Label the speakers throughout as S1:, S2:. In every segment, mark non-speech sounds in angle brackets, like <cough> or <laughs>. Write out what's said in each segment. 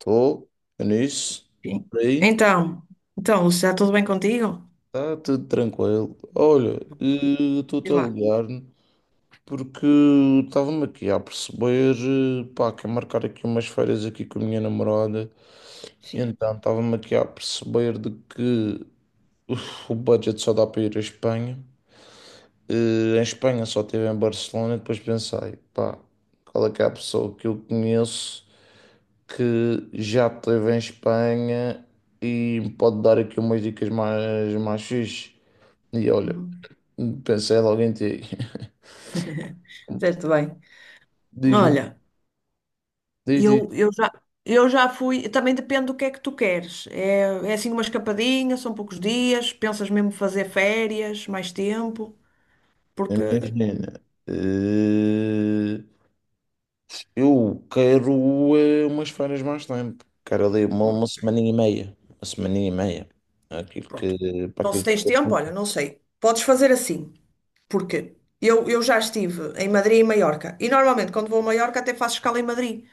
S1: Estou é nisso.
S2: Sim.
S1: Por aí.
S2: Então, então, Lúcia, está tudo bem contigo?
S1: Está tudo tranquilo. Olha, estou-te
S2: Diz
S1: a
S2: lá.
S1: ligar porque estava-me aqui a perceber, pá, quero marcar aqui umas férias aqui com a minha namorada. E
S2: Sim.
S1: então estava-me aqui a perceber de que o budget só dá para ir à Espanha. Em Espanha só estive em Barcelona e depois pensei, pá, qual é que é a pessoa que eu conheço? Que já esteve em Espanha e me pode dar aqui umas dicas mais fixe. E olha,
S2: Uhum.
S1: pensei logo em ti. <laughs>
S2: Certo, bem.
S1: Diz-me,
S2: Olha,
S1: diz.
S2: eu, eu já, eu já fui. Também depende do que é que tu queres. É assim uma escapadinha, são poucos dias. Pensas mesmo fazer férias, mais tempo? Porque,
S1: Imagina, eh, eu quero umas férias mais tempo. Quero ali uma semana e meia. Uma semana e meia.
S2: pronto.
S1: Para
S2: Então, se
S1: aquilo que
S2: tens
S1: eu
S2: tempo, olha,
S1: vou
S2: não sei. Podes fazer assim, porque eu já estive em Madrid e Maiorca. E normalmente, quando vou a Maiorca, até faço escala em Madrid.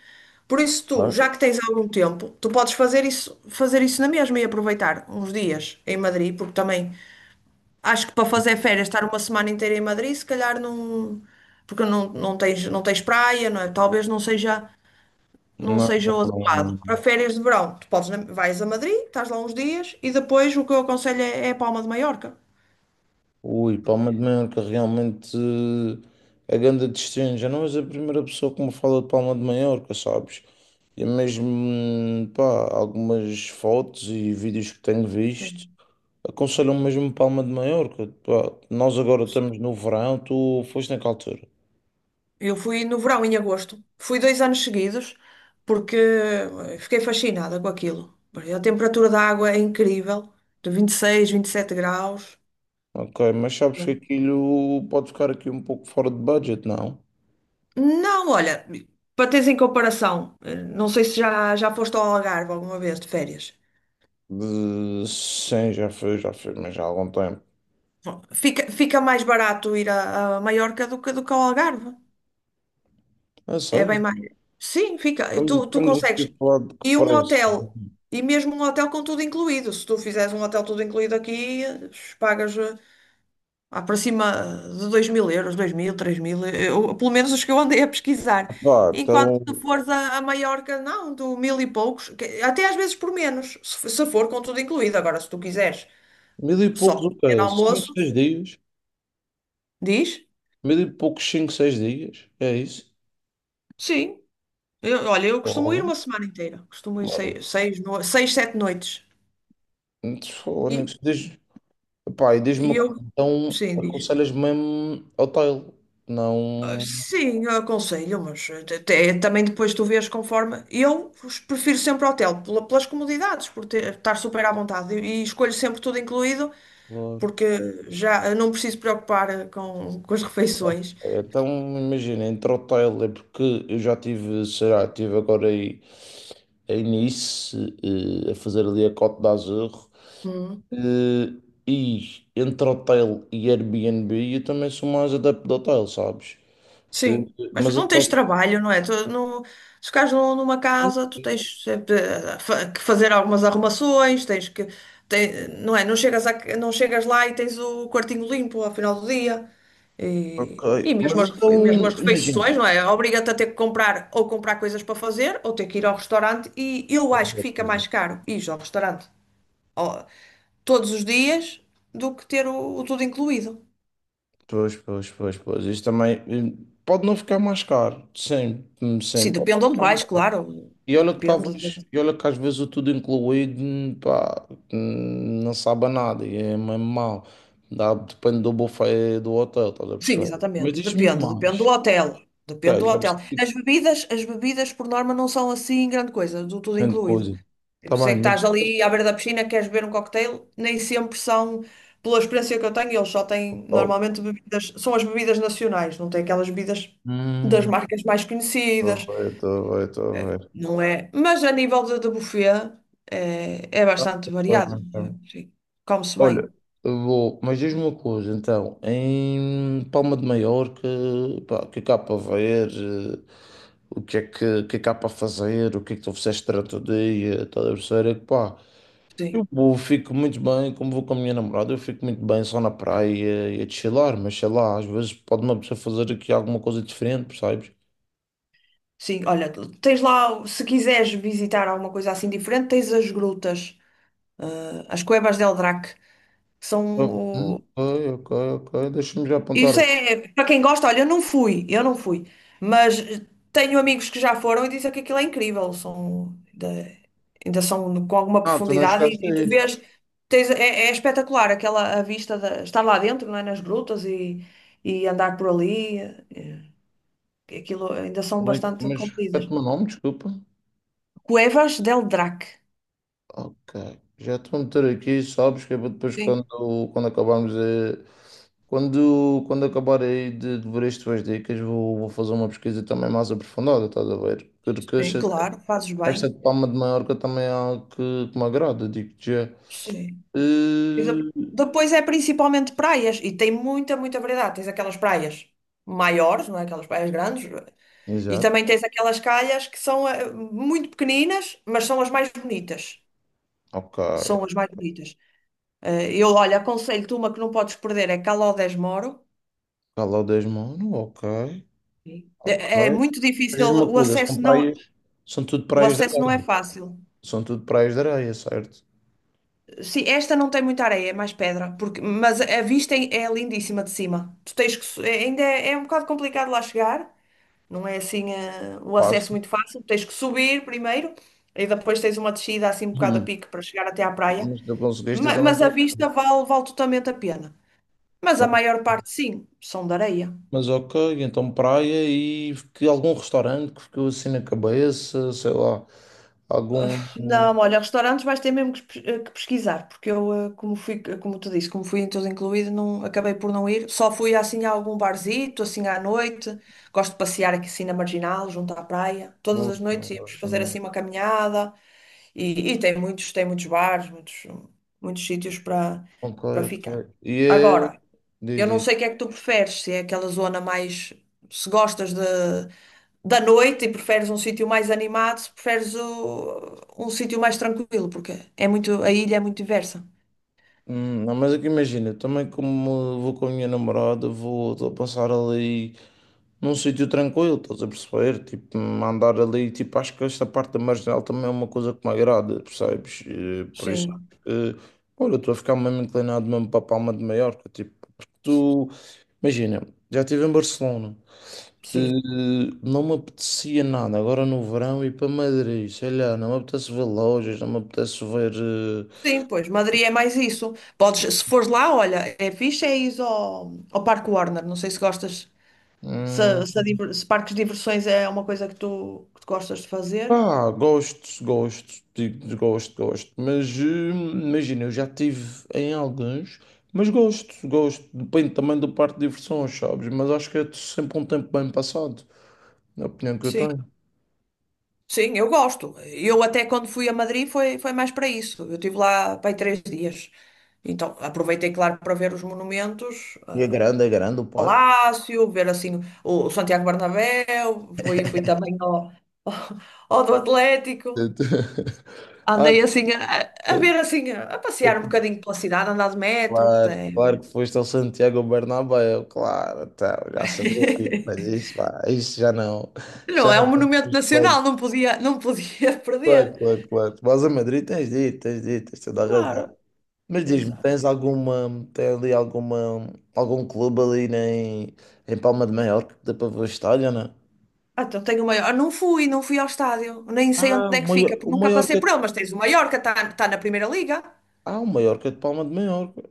S2: Por isso, tu,
S1: contar.
S2: já que tens algum tempo, tu podes fazer isso na mesma e aproveitar uns dias em Madrid, porque também acho que para fazer férias, estar uma semana inteira em Madrid, se calhar não. Porque não, não tens praia, não é? Talvez não
S1: Não,
S2: seja o adequado. Para
S1: não.
S2: férias de verão, tu podes, vais a Madrid, estás lá uns dias e depois o que eu aconselho é a Palma de Maiorca.
S1: Ui, Palma de Mallorca, realmente a grande destino. Já não és a primeira pessoa que me fala de Palma de Maiorca, sabes? E é mesmo, pá, algumas fotos e vídeos que tenho visto
S2: Sim.
S1: aconselham mesmo Palma de Maiorca. Pá, nós agora estamos no verão, tu foste naquela altura.
S2: Eu fui no verão, em agosto. Fui 2 anos seguidos porque fiquei fascinada com aquilo. A temperatura da água é incrível, de 26, 27 graus.
S1: Ok, mas sabes que aquilo pode ficar aqui um pouco fora de budget, não?
S2: Não, olha, para teres em comparação, não sei se já foste ao Algarve alguma vez de férias.
S1: De- Sim, já foi, mas já há algum tempo.
S2: Bom, fica mais barato ir a Maiorca do que ao Algarve.
S1: É
S2: É bem
S1: sério?
S2: mais. Sim, fica. Tu
S1: Estamos aqui
S2: consegues.
S1: a falar de que
S2: E um
S1: preço?
S2: hotel, e mesmo um hotel com tudo incluído. Se tu fizeres um hotel tudo incluído aqui, pagas para cima de €2.000, 2.000, 3.000, eu, pelo menos os que eu andei a pesquisar.
S1: Pá,
S2: Enquanto tu
S1: então.
S2: fores a Maiorca, não, do mil e poucos, até às vezes por menos, se for com tudo incluído. Agora, se tu quiseres
S1: Mil e
S2: só
S1: poucos o
S2: comer
S1: quê? Cinco,
S2: almoço,
S1: seis dias?
S2: diz,
S1: Mil e poucos, cinco, seis dias? É isso?
S2: sim. Olha, eu costumo ir
S1: Oh,
S2: uma semana inteira, costumo ir
S1: olha,
S2: seis, seis, no- seis, sete noites.
S1: Fónix, diz, pá, e diz-me
S2: E
S1: uma
S2: eu,
S1: coisa, então
S2: sim, diz.
S1: aconselhas mesmo hotel,
S2: "Ah,
S1: não...
S2: sim, eu aconselho, mas até, também depois tu vês conforme. Eu prefiro sempre hotel, pelas comodidades, estar super à vontade. E escolho sempre tudo incluído, porque já não preciso preocupar com as refeições.
S1: Então, imagina, entre hotel, é porque eu já tive, sei lá, estive agora aí em Nice, a fazer ali a Côte d'Azur, eh, e entre hotel e Airbnb, eu também sou mais adepto de hotel, sabes? Eh,
S2: Sim, mas
S1: Mas
S2: não tens
S1: então,
S2: trabalho, não é? Tu, não, se ficares numa casa, tu tens sempre que fazer algumas arrumações, tens que, não é? Não chegas, não chegas lá e tens o quartinho limpo ao final do dia.
S1: ok.
S2: E
S1: Mas
S2: mesmo
S1: então,
S2: mesmo as
S1: imagina.
S2: refeições, não é? Obriga-te a ter que comprar ou comprar coisas para fazer ou ter que ir ao restaurante. E eu acho que fica mais caro ir ao restaurante ó, todos os dias do que ter o tudo incluído.
S1: Pois. Isto também pode não ficar mais caro. Sim, sim,
S2: Sim,
S1: pode não
S2: depende onde
S1: ficar mais
S2: vais,
S1: caro.
S2: claro. Depende.
S1: E olha que às vezes o tudo incluído, pá, não sabe a nada e é mesmo mau. Dá, depende do buffet do hotel, estás a
S2: Sim,
S1: perceber? Mas
S2: exatamente.
S1: diz-me
S2: Depende do
S1: mais.
S2: hotel. Depende
S1: Ok,
S2: do
S1: já
S2: hotel.
S1: percebi que
S2: As bebidas por norma não são assim grande coisa, do tudo
S1: grande
S2: incluído.
S1: coisa. Tá
S2: Sei
S1: bem,
S2: que estás
S1: mas.
S2: ali à beira da piscina, queres beber um cocktail, nem sempre são, pela experiência que eu tenho, eles só têm
S1: Top.
S2: normalmente bebidas, são as bebidas nacionais, não têm aquelas bebidas das
S1: Hum.
S2: marcas mais conhecidas.
S1: Estou bem.
S2: Não é? Mas a nível de buffet é
S1: Tá
S2: bastante
S1: bom,
S2: variado.
S1: então.
S2: Sim. Come-se bem.
S1: Olha, eu vou, mas diz-me uma coisa, então, em Palma de Maiorca, pá, o que é que há para ver, o que é que, o que é que há para fazer, o que é que tu fizeste durante o dia, tá a ver, é que pá,
S2: Sim.
S1: eu vou- fico muito bem, como vou com a minha namorada, eu fico muito bem só na praia e a chilar, mas sei lá, às vezes pode uma pessoa fazer aqui alguma coisa diferente, percebes?
S2: Sim, olha, tens lá, se quiseres visitar alguma coisa assim diferente, tens as grutas, eh, as Cuevas del Drac, que
S1: Ah,
S2: são...
S1: ok, deixa-me já apontar
S2: Isso
S1: aqui.
S2: é, para quem gosta, olha, eu não fui, mas tenho amigos que já foram e dizem que aquilo é incrível, são, ainda são com alguma
S1: Ah, tu não
S2: profundidade
S1: chegaste
S2: e
S1: a
S2: tu
S1: ir.
S2: vês, tens, é espetacular aquela a vista, de, estar lá dentro, não é, nas grutas e andar por ali, aquilo ainda são
S1: Como é que-
S2: bastante
S1: Mas
S2: compridas.
S1: repete o meu nome, desculpa.
S2: Cuevas del Drac.
S1: Ok. Já estou a meter aqui, sabes, que é para depois
S2: Sim.
S1: quando, quando acabarmos a- quando acabar aí de ver as tuas dicas, vou fazer uma pesquisa também mais aprofundada, estás a ver? Porque
S2: Sim,
S1: esta,
S2: claro, fazes
S1: esta
S2: bem.
S1: de Palma de Maiorca também é algo que me agrada, digo-te já.
S2: Sim. E de-
S1: Eh,
S2: depois é principalmente praias e tem muita variedade. Tens aquelas praias maiores, não é? Aquelas praias grandes, e
S1: Exato.
S2: também tens aquelas calhas que são muito pequeninas, mas são as mais bonitas.
S1: Ok.
S2: São as mais bonitas. Olha, aconselho-te uma que não podes perder, é Caló Moro.
S1: Calor Mano, ok.
S2: Sim.
S1: Ok.
S2: É muito
S1: Mas
S2: difícil,
S1: diz-me uma coisa, são praias, são tudo
S2: o
S1: praias de
S2: acesso não é
S1: areia,
S2: fácil.
S1: são tudo praias de areia, certo?
S2: Sim, esta não tem muita areia, é mais pedra, porque, mas a vista é lindíssima de cima. Tu tens que, é um bocado complicado lá chegar, não é assim o acesso
S1: Fácil.
S2: muito fácil. Tens que subir primeiro e depois tens uma descida assim um bocado a
S1: Hum.
S2: pique para chegar até à praia.
S1: Mas tu conseguiste, eu também
S2: Mas, a
S1: consegui.
S2: vista vale totalmente a pena. Mas a maior parte, sim, são de areia.
S1: Mas ok, então praia e que algum restaurante que ficou assim na cabeça, sei lá, algum. Bom,
S2: Não, olha, restaurantes vais ter mesmo que pesquisar, porque eu, como fui, como tu disse, como fui em tudo incluído, não, acabei por não ir. Só fui assim a algum barzito, assim à noite. Gosto de passear aqui assim na Marginal, junto à praia. Todas as
S1: também
S2: noites íamos
S1: gosto
S2: fazer
S1: também.
S2: assim uma caminhada. E tem muitos, bares, muitos, muitos sítios
S1: Ok,
S2: para ficar.
S1: ok. E é.
S2: Agora, eu não
S1: Diz.
S2: sei o que é que tu preferes, se é aquela zona mais, se gostas de da noite e preferes um sítio mais animado, se preferes um sítio mais tranquilo, porque a ilha é muito diversa.
S1: Não, mas é que imagina, também como vou com a minha namorada, vou, estou a passar ali num sítio tranquilo, estás a perceber? Tipo, andar ali, tipo, acho que esta parte da marginal também é uma coisa que me agrada, percebes? Por isso,
S2: Sim,
S1: eh, olha, estou a ficar mesmo inclinado mesmo para a Palma de Maiorca, tipo, porque tu, imagina, já estive em Barcelona, eh,
S2: sim.
S1: não me apetecia nada, agora no verão ir para Madrid, sei lá, não me apetece ver lojas, não me apetece ver.
S2: Sim, pois, Madrid é mais isso. Podes, se fores lá, olha, é fixe, é ir ao Parque Warner. Não sei se gostas, se,
S1: Hum,
S2: se parques de diversões é uma coisa que tu gostas de fazer.
S1: Ah, gosto, mas imagina, eu já tive em alguns, mas gosto, depende também do parque de diversões, sabes? Mas acho que é sempre um tempo bem passado, na opinião que eu
S2: Sim.
S1: tenho.
S2: Sim, eu gosto. Eu até quando fui a Madrid foi, mais para isso. Eu estive lá para aí 3 dias. Então aproveitei, claro, para ver os monumentos,
S1: E é grande o parque.
S2: Palácio, ver assim o Santiago Bernabéu, fui também ao, <laughs> ao do Atlético.
S1: <laughs> Ah,
S2: Andei assim a ver assim, a
S1: tu-
S2: passear um
S1: tu-
S2: bocadinho pela cidade, andar de metro, que
S1: claro,
S2: tem.
S1: claro que foste ao Santiago Bernabéu, claro, então, já sabia, mas
S2: <laughs>
S1: isso, pá, já
S2: Não, é um
S1: não
S2: monumento
S1: temos planos.
S2: nacional, não podia, não podia <laughs>
S1: Claro,
S2: perder.
S1: claro, claro. Mas a Madrid tens dito, tens dito, tens toda a
S2: Claro,
S1: razão. Mas diz-me,
S2: exato.
S1: tem ali alguma, algum clube ali em, em Palma de Maiorca que dá para ver o estádio, não é?
S2: Ah, então tenho o maior. Não fui, ao estádio, nem sei onde
S1: Ah,
S2: é
S1: o
S2: que
S1: maior,
S2: fica, porque nunca passei por ele, mas tens o Mallorca, está tá tá na Primeira Liga.
S1: O Maiorca de Palma de Maiorca.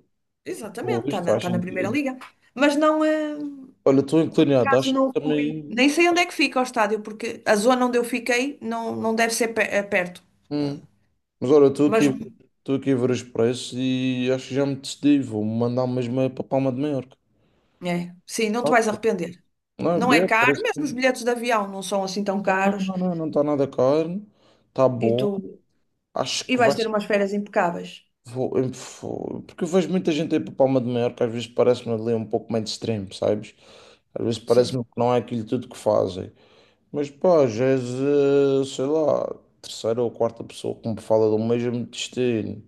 S2: Exatamente,
S1: Pois, faz
S2: tá na Primeira
S1: sentido.
S2: Liga. Mas não é.
S1: Olha, estou
S2: Por
S1: inclinado,
S2: acaso
S1: acho que
S2: não fui. Nem
S1: também...
S2: sei onde é que fica o estádio, porque a zona onde eu fiquei não, não deve ser perto.
S1: Hum. Mas olha,
S2: Mas,
S1: estou aqui a ver os preços e acho que já me decidi, vou mandar mesmo é para Palma de Maiorca.
S2: sim, não te
S1: Ah,
S2: vais
S1: pô.
S2: arrepender.
S1: Não, é
S2: Não é
S1: bem,
S2: caro,
S1: parece que...
S2: mesmo os
S1: Não,
S2: bilhetes de avião não são assim tão caros.
S1: não está nada caro, está
S2: E
S1: bom.
S2: tu
S1: Acho
S2: e
S1: que vai
S2: vais ter umas férias impecáveis.
S1: Vou- eu vou- porque eu vejo muita gente aí para Palma de Mallorca, às vezes parece-me ali um pouco mainstream, sabes? Às vezes
S2: Sim,
S1: parece-me que não é aquilo tudo que fazem. Mas pá, já és, sei lá, terceira ou quarta pessoa que me fala do mesmo destino.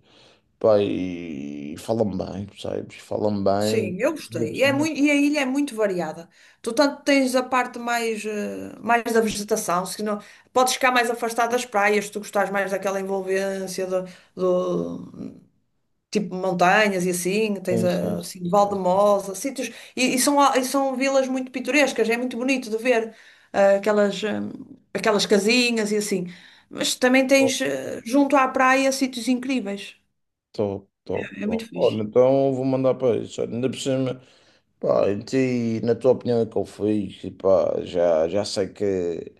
S1: Pá, e falam bem, sabes? Falam bem.
S2: sim, eu gostei. E, e a ilha é muito variada. Tu tanto tens a parte mais, mais da vegetação, se não, podes ficar mais afastado das praias, se tu gostares mais daquela envolvência do, tipo montanhas e assim, tens assim,
S1: Sim.
S2: Valdemosa, sítios, e são vilas muito pitorescas, é muito bonito de ver aquelas, aquelas casinhas e assim. Mas também
S1: Top,
S2: tens junto à praia sítios incríveis.
S1: top.
S2: É muito
S1: Olha,
S2: fixe.
S1: então vou mandar para isso. Ainda por cima. Pá, e ti, na tua opinião, é que eu fiz? E pá, já sei que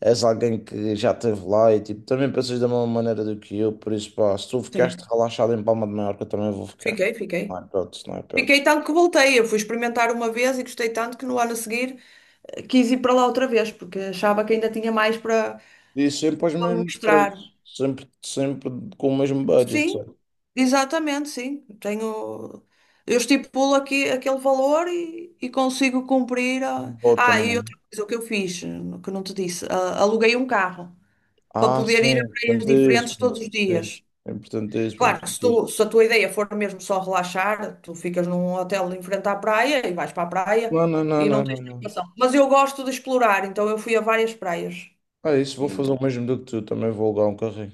S1: és alguém que já esteve lá e tipo, também pensas da mesma maneira do que eu, por isso, pá, se tu ficaste
S2: Sim.
S1: relaxado em Palma de Mallorca, eu também vou ficar.
S2: Fiquei.
S1: Não é hipótese, não é
S2: Fiquei
S1: hipótese.
S2: tanto que voltei. Eu fui experimentar uma vez e gostei tanto que no ano a seguir quis ir para lá outra vez, porque achava que ainda tinha mais para,
S1: E sempre aos
S2: me
S1: mesmos
S2: mostrar.
S1: preços, sempre com o mesmo budget,
S2: Sim,
S1: sabe?
S2: exatamente, sim. Tenho, eu estipulo aqui aquele valor e consigo cumprir a...
S1: Volta,
S2: Ah,
S1: não
S2: e
S1: é?
S2: outra coisa que eu fiz, que não te disse, aluguei um carro para
S1: Ah,
S2: poder
S1: sim,
S2: ir a praias diferentes todos os dias. Claro,
S1: importantíssimo.
S2: se a tua ideia for mesmo só relaxar, tu ficas num hotel em frente à praia e vais para a praia e não tens
S1: Não.
S2: preocupação. Mas eu gosto de explorar, então eu fui a várias praias.
S1: É isso, vou fazer
S2: Então,
S1: o mesmo do que tu, também vou alugar um carrinho.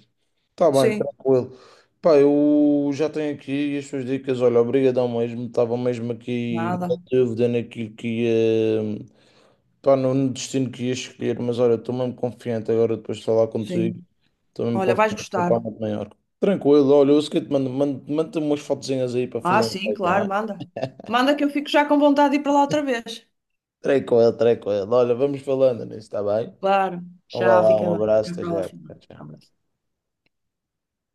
S1: Tá bem,
S2: sim,
S1: tranquilo. Pá, eu já tenho aqui as suas dicas. Olha, obrigadão mesmo. Estava mesmo aqui na
S2: nada,
S1: dúvida naquilo que ia. Pá, no destino que ia escolher, mas olha, estou mesmo confiante agora depois de falar contigo.
S2: sim.
S1: Estou mesmo
S2: Olha, vais
S1: confiante que vou para
S2: gostar.
S1: muito maior. Tranquilo, olha, eu sei que te mando umas fotozinhas aí para
S2: Ah,
S1: fazer.
S2: sim, claro,
S1: Hein?
S2: manda. Manda que eu fico já com vontade de ir para lá outra vez.
S1: Tranquilo, tranquilo. Olha, vamos falando nisso, está bem?
S2: Claro,
S1: Então vá
S2: já
S1: lá,
S2: fica
S1: um
S2: bem. Até
S1: abraço,
S2: a
S1: até já.
S2: próxima.
S1: Tchau,
S2: Até à
S1: tchau.
S2: próxima.